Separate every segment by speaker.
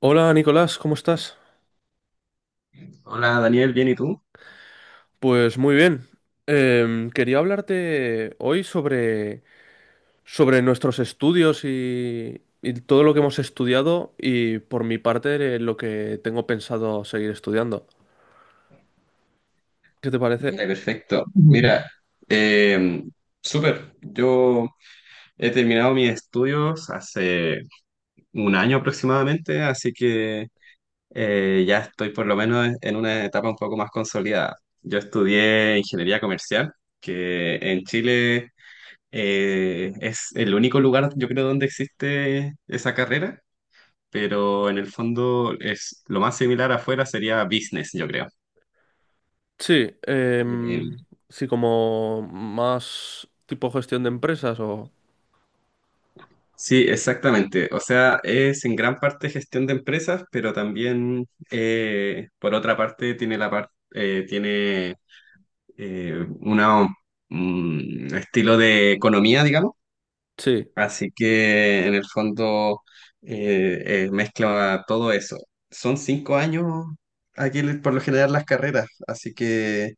Speaker 1: Hola Nicolás, ¿cómo estás?
Speaker 2: Hola Daniel, ¿bien y tú?
Speaker 1: Pues muy bien. Quería hablarte hoy sobre nuestros estudios y todo lo que hemos estudiado y por mi parte lo que tengo pensado seguir estudiando. ¿Qué te parece?
Speaker 2: Vale, perfecto. Mira, eh, súper. Yo he terminado mis estudios hace un año aproximadamente, así que ya estoy por lo menos en una etapa un poco más consolidada. Yo estudié ingeniería comercial, que en Chile es el único lugar, yo creo, donde existe esa carrera, pero en el fondo es lo más similar afuera sería business, yo creo.
Speaker 1: Sí,
Speaker 2: Em,
Speaker 1: sí, como más tipo gestión de empresas o...
Speaker 2: Sí, exactamente. O sea, es en gran parte gestión de empresas, pero también, por otra parte, tiene eh, una, un estilo de economía, digamos.
Speaker 1: Sí,
Speaker 2: Así que, en el fondo, mezcla todo eso. Son 5 años aquí, por lo general, las carreras, así que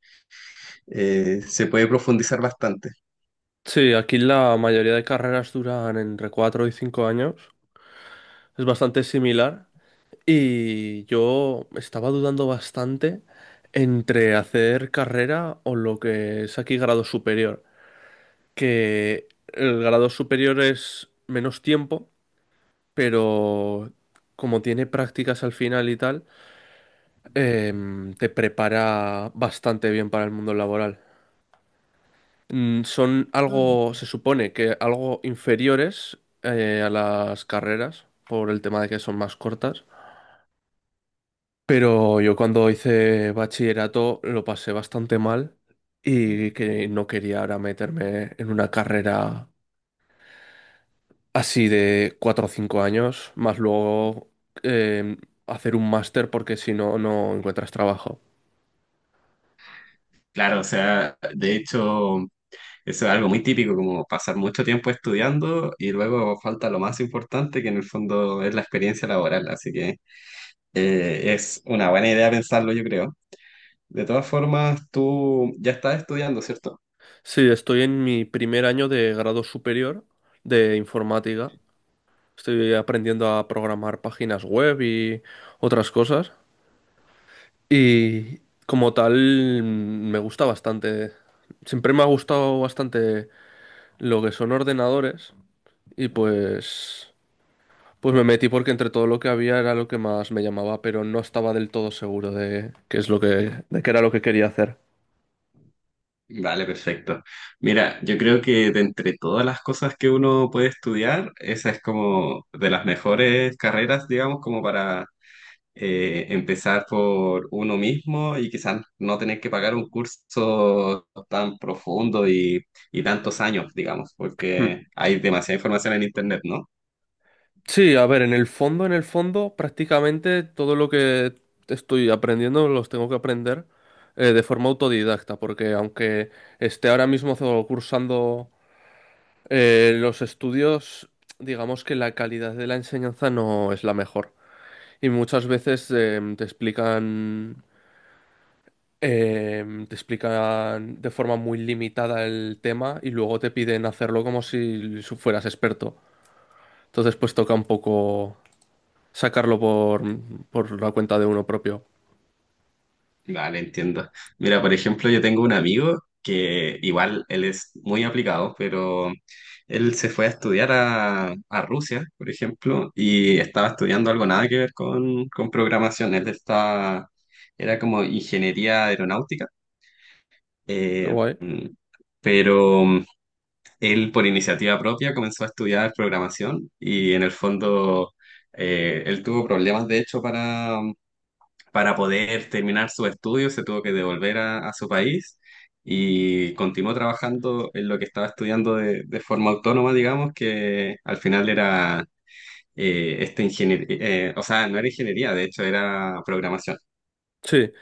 Speaker 2: se puede profundizar bastante.
Speaker 1: sí, aquí la mayoría de carreras duran entre 4 y 5 años. Es bastante similar. Y yo estaba dudando bastante entre hacer carrera o lo que es aquí grado superior, que el grado superior es menos tiempo, pero como tiene prácticas al final y tal, te prepara bastante bien para el mundo laboral. Mm, son algo, se supone que algo inferiores a las carreras por el tema de que son más cortas. Pero yo cuando hice bachillerato lo pasé bastante mal y que no quería ahora meterme en una carrera así de cuatro o cinco años, más luego eh, hacer un máster porque si no, no encuentras trabajo.
Speaker 2: Claro, o sea, de hecho. Eso es algo muy típico, como pasar mucho tiempo estudiando y luego falta lo más importante, que en el fondo es la experiencia laboral. Así que es una buena idea pensarlo, yo creo. De todas formas, tú ya estás estudiando, ¿cierto?
Speaker 1: Sí, estoy en mi primer año de grado superior de informática. Estoy aprendiendo a programar páginas web y otras cosas. Y como tal, me gusta bastante. Siempre me ha gustado bastante lo que son ordenadores y pues me metí porque entre todo lo que había era lo que más me llamaba, pero no estaba del todo seguro de qué es lo que de qué era lo que quería hacer.
Speaker 2: Vale, perfecto. Mira, yo creo que de entre todas las cosas que uno puede estudiar, esa es como de las mejores carreras, digamos, como para empezar por uno mismo y quizás no tener que pagar un curso tan profundo y tantos años, digamos,
Speaker 1: Hmm.
Speaker 2: porque hay demasiada información en Internet, ¿no?
Speaker 1: Sí, a ver, en el fondo, prácticamente todo lo que estoy aprendiendo los tengo que aprender de forma autodidacta, porque aunque esté ahora mismo cursando los estudios, digamos que la calidad de la enseñanza no es la mejor. Y muchas veces te explican de forma muy limitada el tema y luego te piden hacerlo como si fueras experto. Entonces, pues toca un poco sacarlo por la cuenta de uno propio.
Speaker 2: Vale, entiendo. Mira, por ejemplo, yo tengo un amigo que igual él es muy aplicado, pero él se fue a estudiar a Rusia, por ejemplo, y estaba estudiando algo nada que ver con programación. Era como ingeniería aeronáutica.
Speaker 1: Qué
Speaker 2: Eh,
Speaker 1: guay.
Speaker 2: pero él por iniciativa propia comenzó a estudiar programación y en el fondo él tuvo problemas de hecho para poder terminar sus estudios, se tuvo que devolver a su país y continuó trabajando en lo que estaba estudiando de forma autónoma, digamos, que al final era esta ingeniería. O sea, no era ingeniería, de hecho era programación.
Speaker 1: Sí,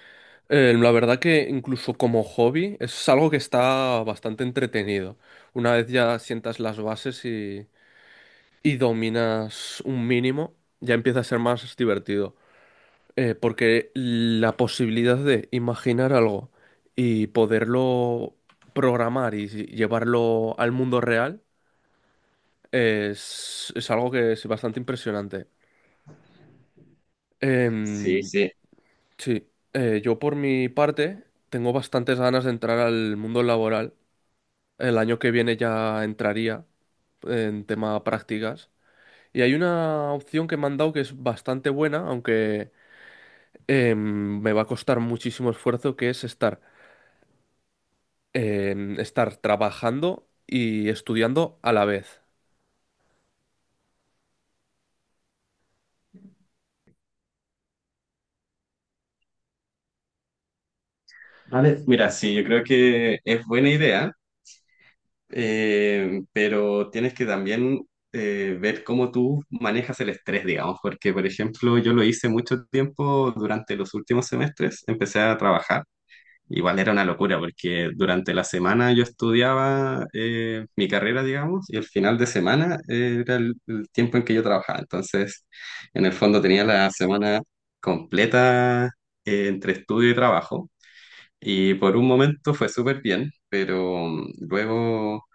Speaker 1: la verdad que incluso como hobby es algo que está bastante entretenido. Una vez ya sientas las bases y dominas un mínimo, ya empieza a ser más divertido. Porque la posibilidad de imaginar algo y poderlo programar y llevarlo al mundo real es algo que es bastante impresionante.
Speaker 2: Sí,
Speaker 1: Em,
Speaker 2: sí.
Speaker 1: sí, yo por mi parte tengo bastantes ganas de entrar al mundo laboral. El año que viene ya entraría en tema prácticas. Y hay una opción que me han dado que es bastante buena, aunque me va a costar muchísimo esfuerzo, que es estar trabajando y estudiando a la vez.
Speaker 2: Vale, mira, sí, yo creo que es buena idea. Pero tienes que también ver cómo tú manejas el estrés, digamos, porque, por ejemplo, yo lo hice mucho tiempo durante los últimos semestres, empecé a trabajar. Igual era una locura porque durante la semana yo estudiaba mi carrera, digamos, y el final de semana era el tiempo en que yo trabajaba. Entonces, en el fondo tenía la semana completa entre estudio y trabajo. Y por un momento fue súper bien, pero luego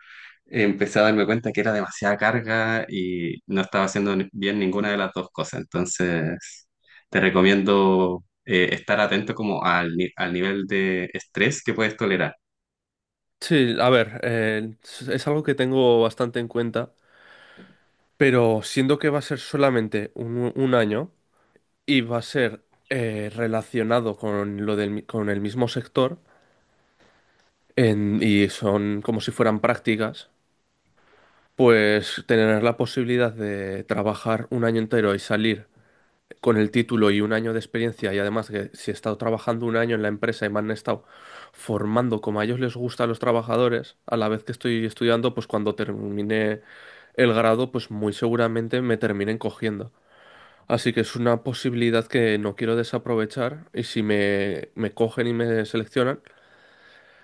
Speaker 2: empecé a darme cuenta que era demasiada carga y no estaba haciendo bien ninguna de las dos cosas. Entonces, te recomiendo estar atento como al, ni- al nivel de estrés que puedes tolerar.
Speaker 1: Sí, a ver, es algo que tengo bastante en cuenta, pero siendo que va a ser solamente un año y va a ser relacionado con lo con el mismo sector y son como si fueran prácticas, pues tener la posibilidad de trabajar un año entero y salir con el título y un año de experiencia y además que si he estado trabajando un año en la empresa y me han estado formando como a ellos les gusta a los trabajadores, a la vez que estoy estudiando, pues cuando termine el grado, pues muy seguramente me terminen cogiendo. Así que es una posibilidad que no quiero desaprovechar y si me cogen y me seleccionan,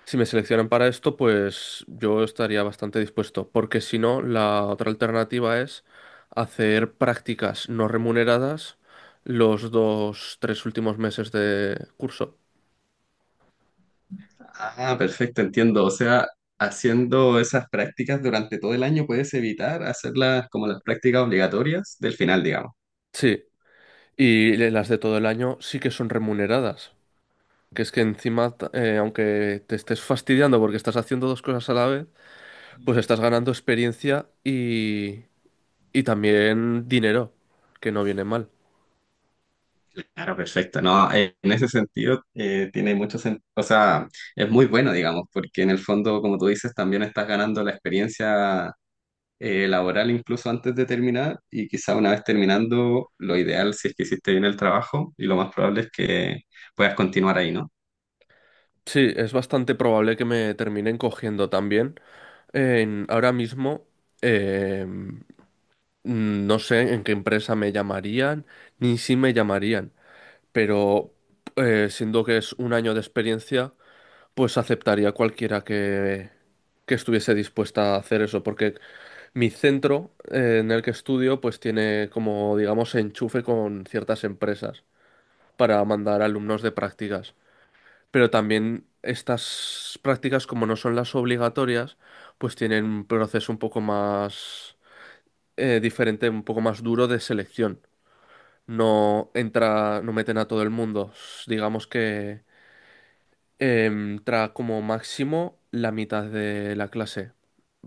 Speaker 1: si me seleccionan para esto, pues yo estaría bastante dispuesto, porque si no, la otra alternativa es hacer prácticas no remuneradas los dos, tres últimos meses de curso.
Speaker 2: Ah, perfecto, entiendo. O sea, haciendo esas prácticas durante todo el año puedes evitar hacerlas como las prácticas obligatorias del final, digamos.
Speaker 1: Sí, y las de todo el año sí que son remuneradas. Que es que encima, aunque te estés fastidiando porque estás haciendo dos cosas a la vez, pues estás ganando experiencia y también dinero, que no viene mal.
Speaker 2: Claro, perfecto. No, en ese sentido tiene mucho sentido. O sea, es muy bueno, digamos, porque en el fondo, como tú dices, también estás ganando la experiencia laboral incluso antes de terminar, y quizá una vez terminando, lo ideal si es que hiciste bien el trabajo y lo más probable es que puedas continuar ahí, ¿no?
Speaker 1: Sí, es bastante probable que me terminen cogiendo también. Ahora mismo eh, no sé en qué empresa me llamarían, ni si me llamarían, pero siendo que es un año de experiencia, pues aceptaría cualquiera que estuviese dispuesta a hacer eso, porque mi centro en el que estudio pues tiene como digamos enchufe con ciertas empresas para mandar alumnos de prácticas, pero también estas prácticas, como no son las obligatorias, pues tienen un proceso un poco más diferente, un poco más duro de selección. No meten a todo el mundo. Digamos que entra como máximo la mitad de la clase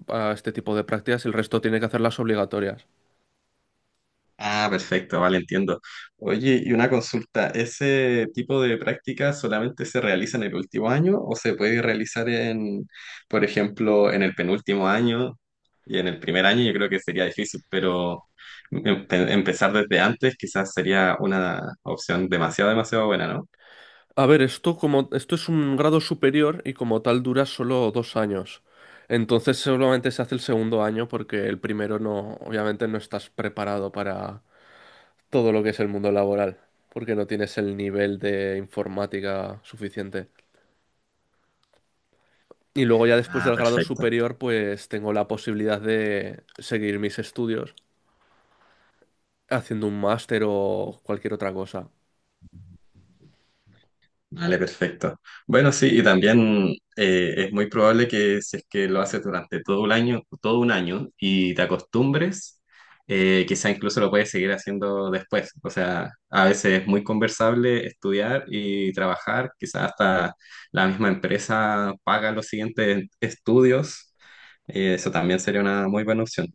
Speaker 1: a este tipo de prácticas, el resto tiene que hacer las obligatorias.
Speaker 2: Ah, perfecto, vale, entiendo. Oye, y una consulta, ¿ese tipo de prácticas solamente se realiza en el último año o se puede realizar, en, por ejemplo, en el penúltimo año y en el primer año? Yo creo que sería difícil, pero empezar desde antes quizás sería una opción demasiado, demasiado buena, ¿no?
Speaker 1: A ver, esto como esto es un grado superior y como tal dura solo dos años. Entonces solamente se hace el segundo año porque el primero no, obviamente no estás preparado para todo lo que es el mundo laboral, porque no tienes el nivel de informática suficiente. Y luego ya después
Speaker 2: Ah,
Speaker 1: del grado
Speaker 2: perfecto.
Speaker 1: superior, pues tengo la posibilidad de seguir mis estudios haciendo un máster o cualquier otra cosa.
Speaker 2: Vale, perfecto. Bueno, sí, y también es muy probable que si es que lo haces durante todo un año y te acostumbres, quizá incluso lo puedes seguir haciendo después. O sea, a veces es muy conversable estudiar y trabajar, quizá hasta la misma empresa paga los siguientes estudios. Eso también sería una muy buena opción.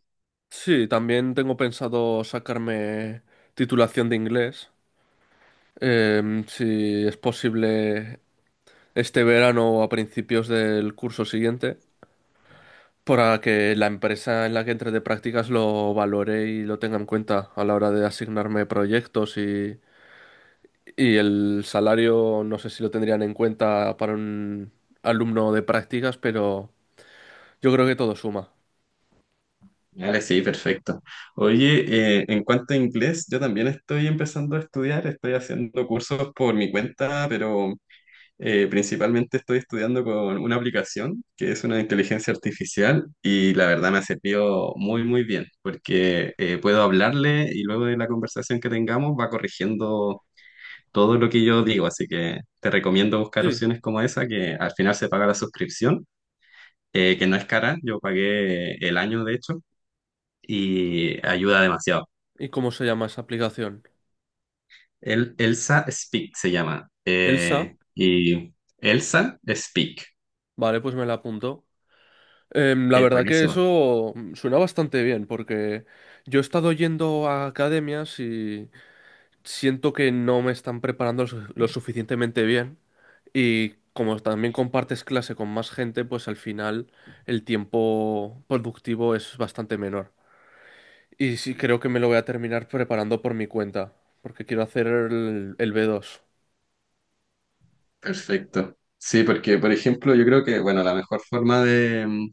Speaker 1: Sí, también tengo pensado sacarme titulación de inglés. Si es posible este verano o a principios del curso siguiente, para que la empresa en la que entre de prácticas lo valore y lo tenga en cuenta a la hora de asignarme proyectos y el salario, no sé si lo tendrían en cuenta para un alumno de prácticas, pero yo creo que todo suma.
Speaker 2: Vale, sí, perfecto. Oye, en cuanto a inglés, yo también estoy empezando a estudiar, estoy haciendo cursos por mi cuenta, pero principalmente estoy estudiando con una aplicación que es una inteligencia artificial y la verdad me ha servido muy, muy bien, porque puedo hablarle y luego de la conversación que tengamos va corrigiendo todo lo que yo digo, así que te recomiendo buscar
Speaker 1: Sí,
Speaker 2: opciones como esa, que al final se paga la suscripción, que no es cara, yo pagué el año de hecho y ayuda demasiado.
Speaker 1: ¿y cómo se llama esa aplicación?
Speaker 2: Elsa Speak se llama.
Speaker 1: Elsa,
Speaker 2: Y Elsa Speak.
Speaker 1: vale, pues me la apunto. La
Speaker 2: Es
Speaker 1: verdad que
Speaker 2: buenísimo.
Speaker 1: eso suena bastante bien, porque yo he estado yendo a academias y siento que no me están preparando lo suficientemente bien. Y como también compartes clase con más gente, pues al final el tiempo productivo es bastante menor. Y sí creo que me lo voy a terminar preparando por mi cuenta, porque quiero hacer el B2.
Speaker 2: Perfecto. Sí, porque, por ejemplo, yo creo que, bueno, la mejor forma de,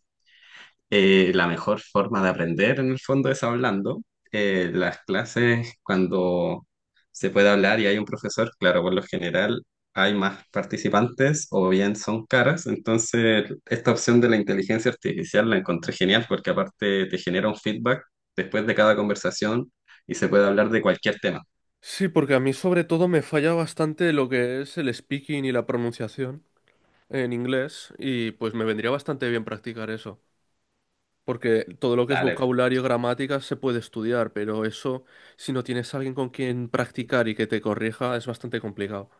Speaker 2: Eh, la mejor forma de aprender en el fondo es hablando. Las clases, cuando se puede hablar y hay un profesor, claro, por lo general hay más participantes o bien son caras. Entonces, esta opción de la inteligencia artificial la encontré genial porque aparte te genera un feedback después de cada conversación y se puede hablar de cualquier tema.
Speaker 1: Sí, porque a mí sobre todo me falla bastante lo que es el speaking y la pronunciación en inglés y pues me vendría bastante bien practicar eso, porque todo lo que es
Speaker 2: Dale.
Speaker 1: vocabulario, gramática se puede estudiar, pero eso, si no tienes alguien con quien practicar y que te corrija, es bastante complicado.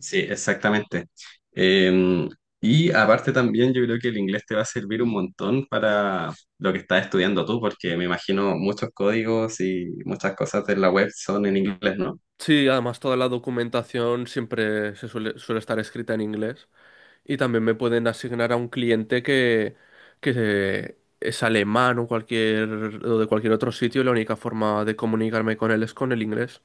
Speaker 2: Sí, exactamente. Eh, y aparte también yo creo que el inglés te va a servir un montón para lo que estás estudiando tú, porque me imagino muchos códigos y muchas cosas de la web son en inglés, ¿no?
Speaker 1: Sí, además toda la documentación siempre suele estar escrita en inglés y también me pueden asignar a un cliente que es alemán o cualquier o de cualquier otro sitio y la única forma de comunicarme con él es con el inglés.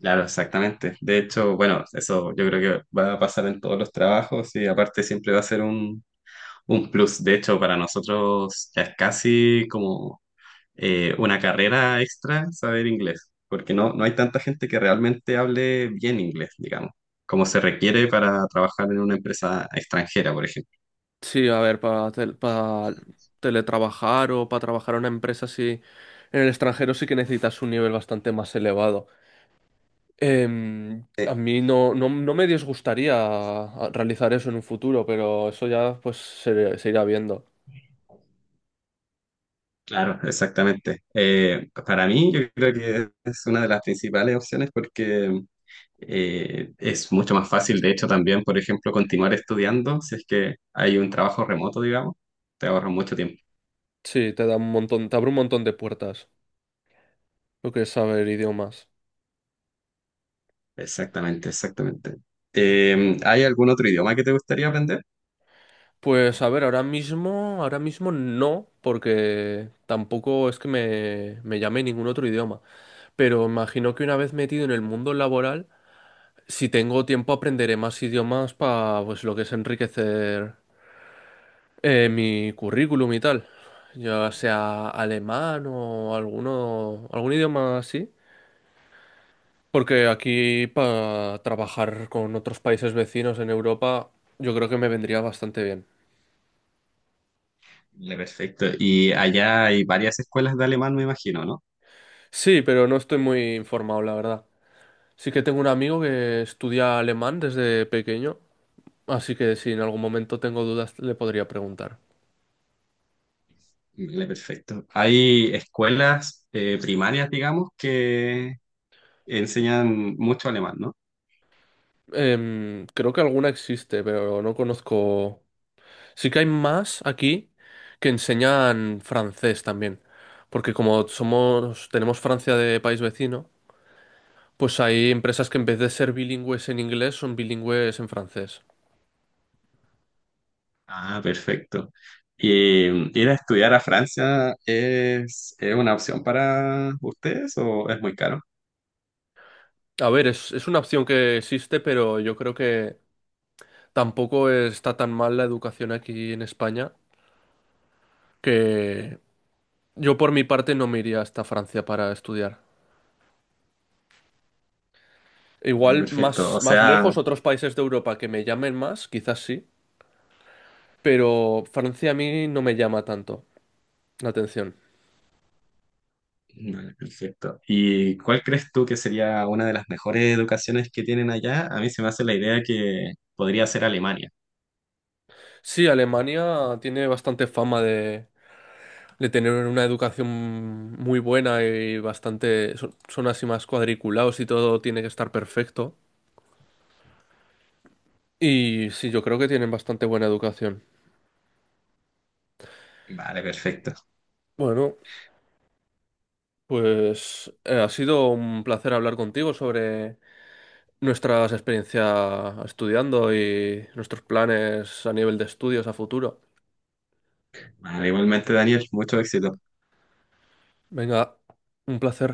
Speaker 2: Claro, exactamente. De hecho, bueno, eso yo creo que va a pasar en todos los trabajos, y aparte siempre va a ser un plus. De hecho, para nosotros ya es casi como una carrera extra saber inglés, porque no, no hay tanta gente que realmente hable bien inglés, digamos, como se requiere para trabajar en una empresa extranjera, por ejemplo.
Speaker 1: Sí, a ver, para teletrabajar o para trabajar en una empresa así en el extranjero sí que necesitas un nivel bastante más elevado. Em, a mí no me disgustaría realizar eso en un futuro, pero eso ya pues se irá viendo.
Speaker 2: Claro, exactamente. Para mí, yo creo que es una de las principales opciones porque es mucho más fácil, de hecho, también, por ejemplo, continuar estudiando si es que hay un trabajo remoto, digamos, te ahorra mucho tiempo.
Speaker 1: Sí, te da un montón, te abre un montón de puertas lo que es saber idiomas.
Speaker 2: Exactamente, exactamente. ¿Hay algún otro idioma que te gustaría aprender?
Speaker 1: Pues a ver, ahora mismo no, porque tampoco es que me llame ningún otro idioma. Pero imagino que una vez metido en el mundo laboral, si tengo tiempo aprenderé más idiomas para pues lo que es enriquecer mi currículum y tal. Ya sea alemán o algún idioma así. Porque aquí para trabajar con otros países vecinos en Europa yo creo que me vendría bastante bien.
Speaker 2: Le perfecto. Y allá hay varias escuelas de alemán, me imagino, ¿no?
Speaker 1: Sí, pero no estoy muy informado, la verdad. Sí que tengo un amigo que estudia alemán desde pequeño, así que si en algún momento tengo dudas le podría preguntar.
Speaker 2: Le perfecto. Hay escuelas primarias, digamos, que enseñan mucho alemán, ¿no?
Speaker 1: Em, creo que alguna existe, pero no conozco. Sí que hay más aquí que enseñan francés también, porque como somos, tenemos Francia de país vecino, pues hay empresas que en vez de ser bilingües en inglés son bilingües en francés.
Speaker 2: Ah, perfecto. ¿Y ir a estudiar a Francia es una opción para ustedes o es muy caro?
Speaker 1: A ver, es una opción que existe, pero yo creo que tampoco está tan mal la educación aquí en España, que yo por mi parte no me iría hasta Francia para estudiar.
Speaker 2: Vale,
Speaker 1: Igual
Speaker 2: perfecto. O
Speaker 1: más
Speaker 2: sea,
Speaker 1: lejos, otros países de Europa que me llamen más, quizás sí, pero Francia a mí no me llama tanto la atención.
Speaker 2: vale, perfecto. ¿Y cuál crees tú que sería una de las mejores educaciones que tienen allá? A mí se me hace la idea que podría ser Alemania.
Speaker 1: Sí, Alemania tiene bastante fama de tener una educación muy buena y bastante... son así más cuadriculados y todo tiene que estar perfecto. Y sí, yo creo que tienen bastante buena educación.
Speaker 2: Vale, perfecto.
Speaker 1: Bueno, pues ha sido un placer hablar contigo sobre nuestras experiencias estudiando y nuestros planes a nivel de estudios a futuro.
Speaker 2: Vale, igualmente, Daniel, mucho éxito.
Speaker 1: Venga, un placer.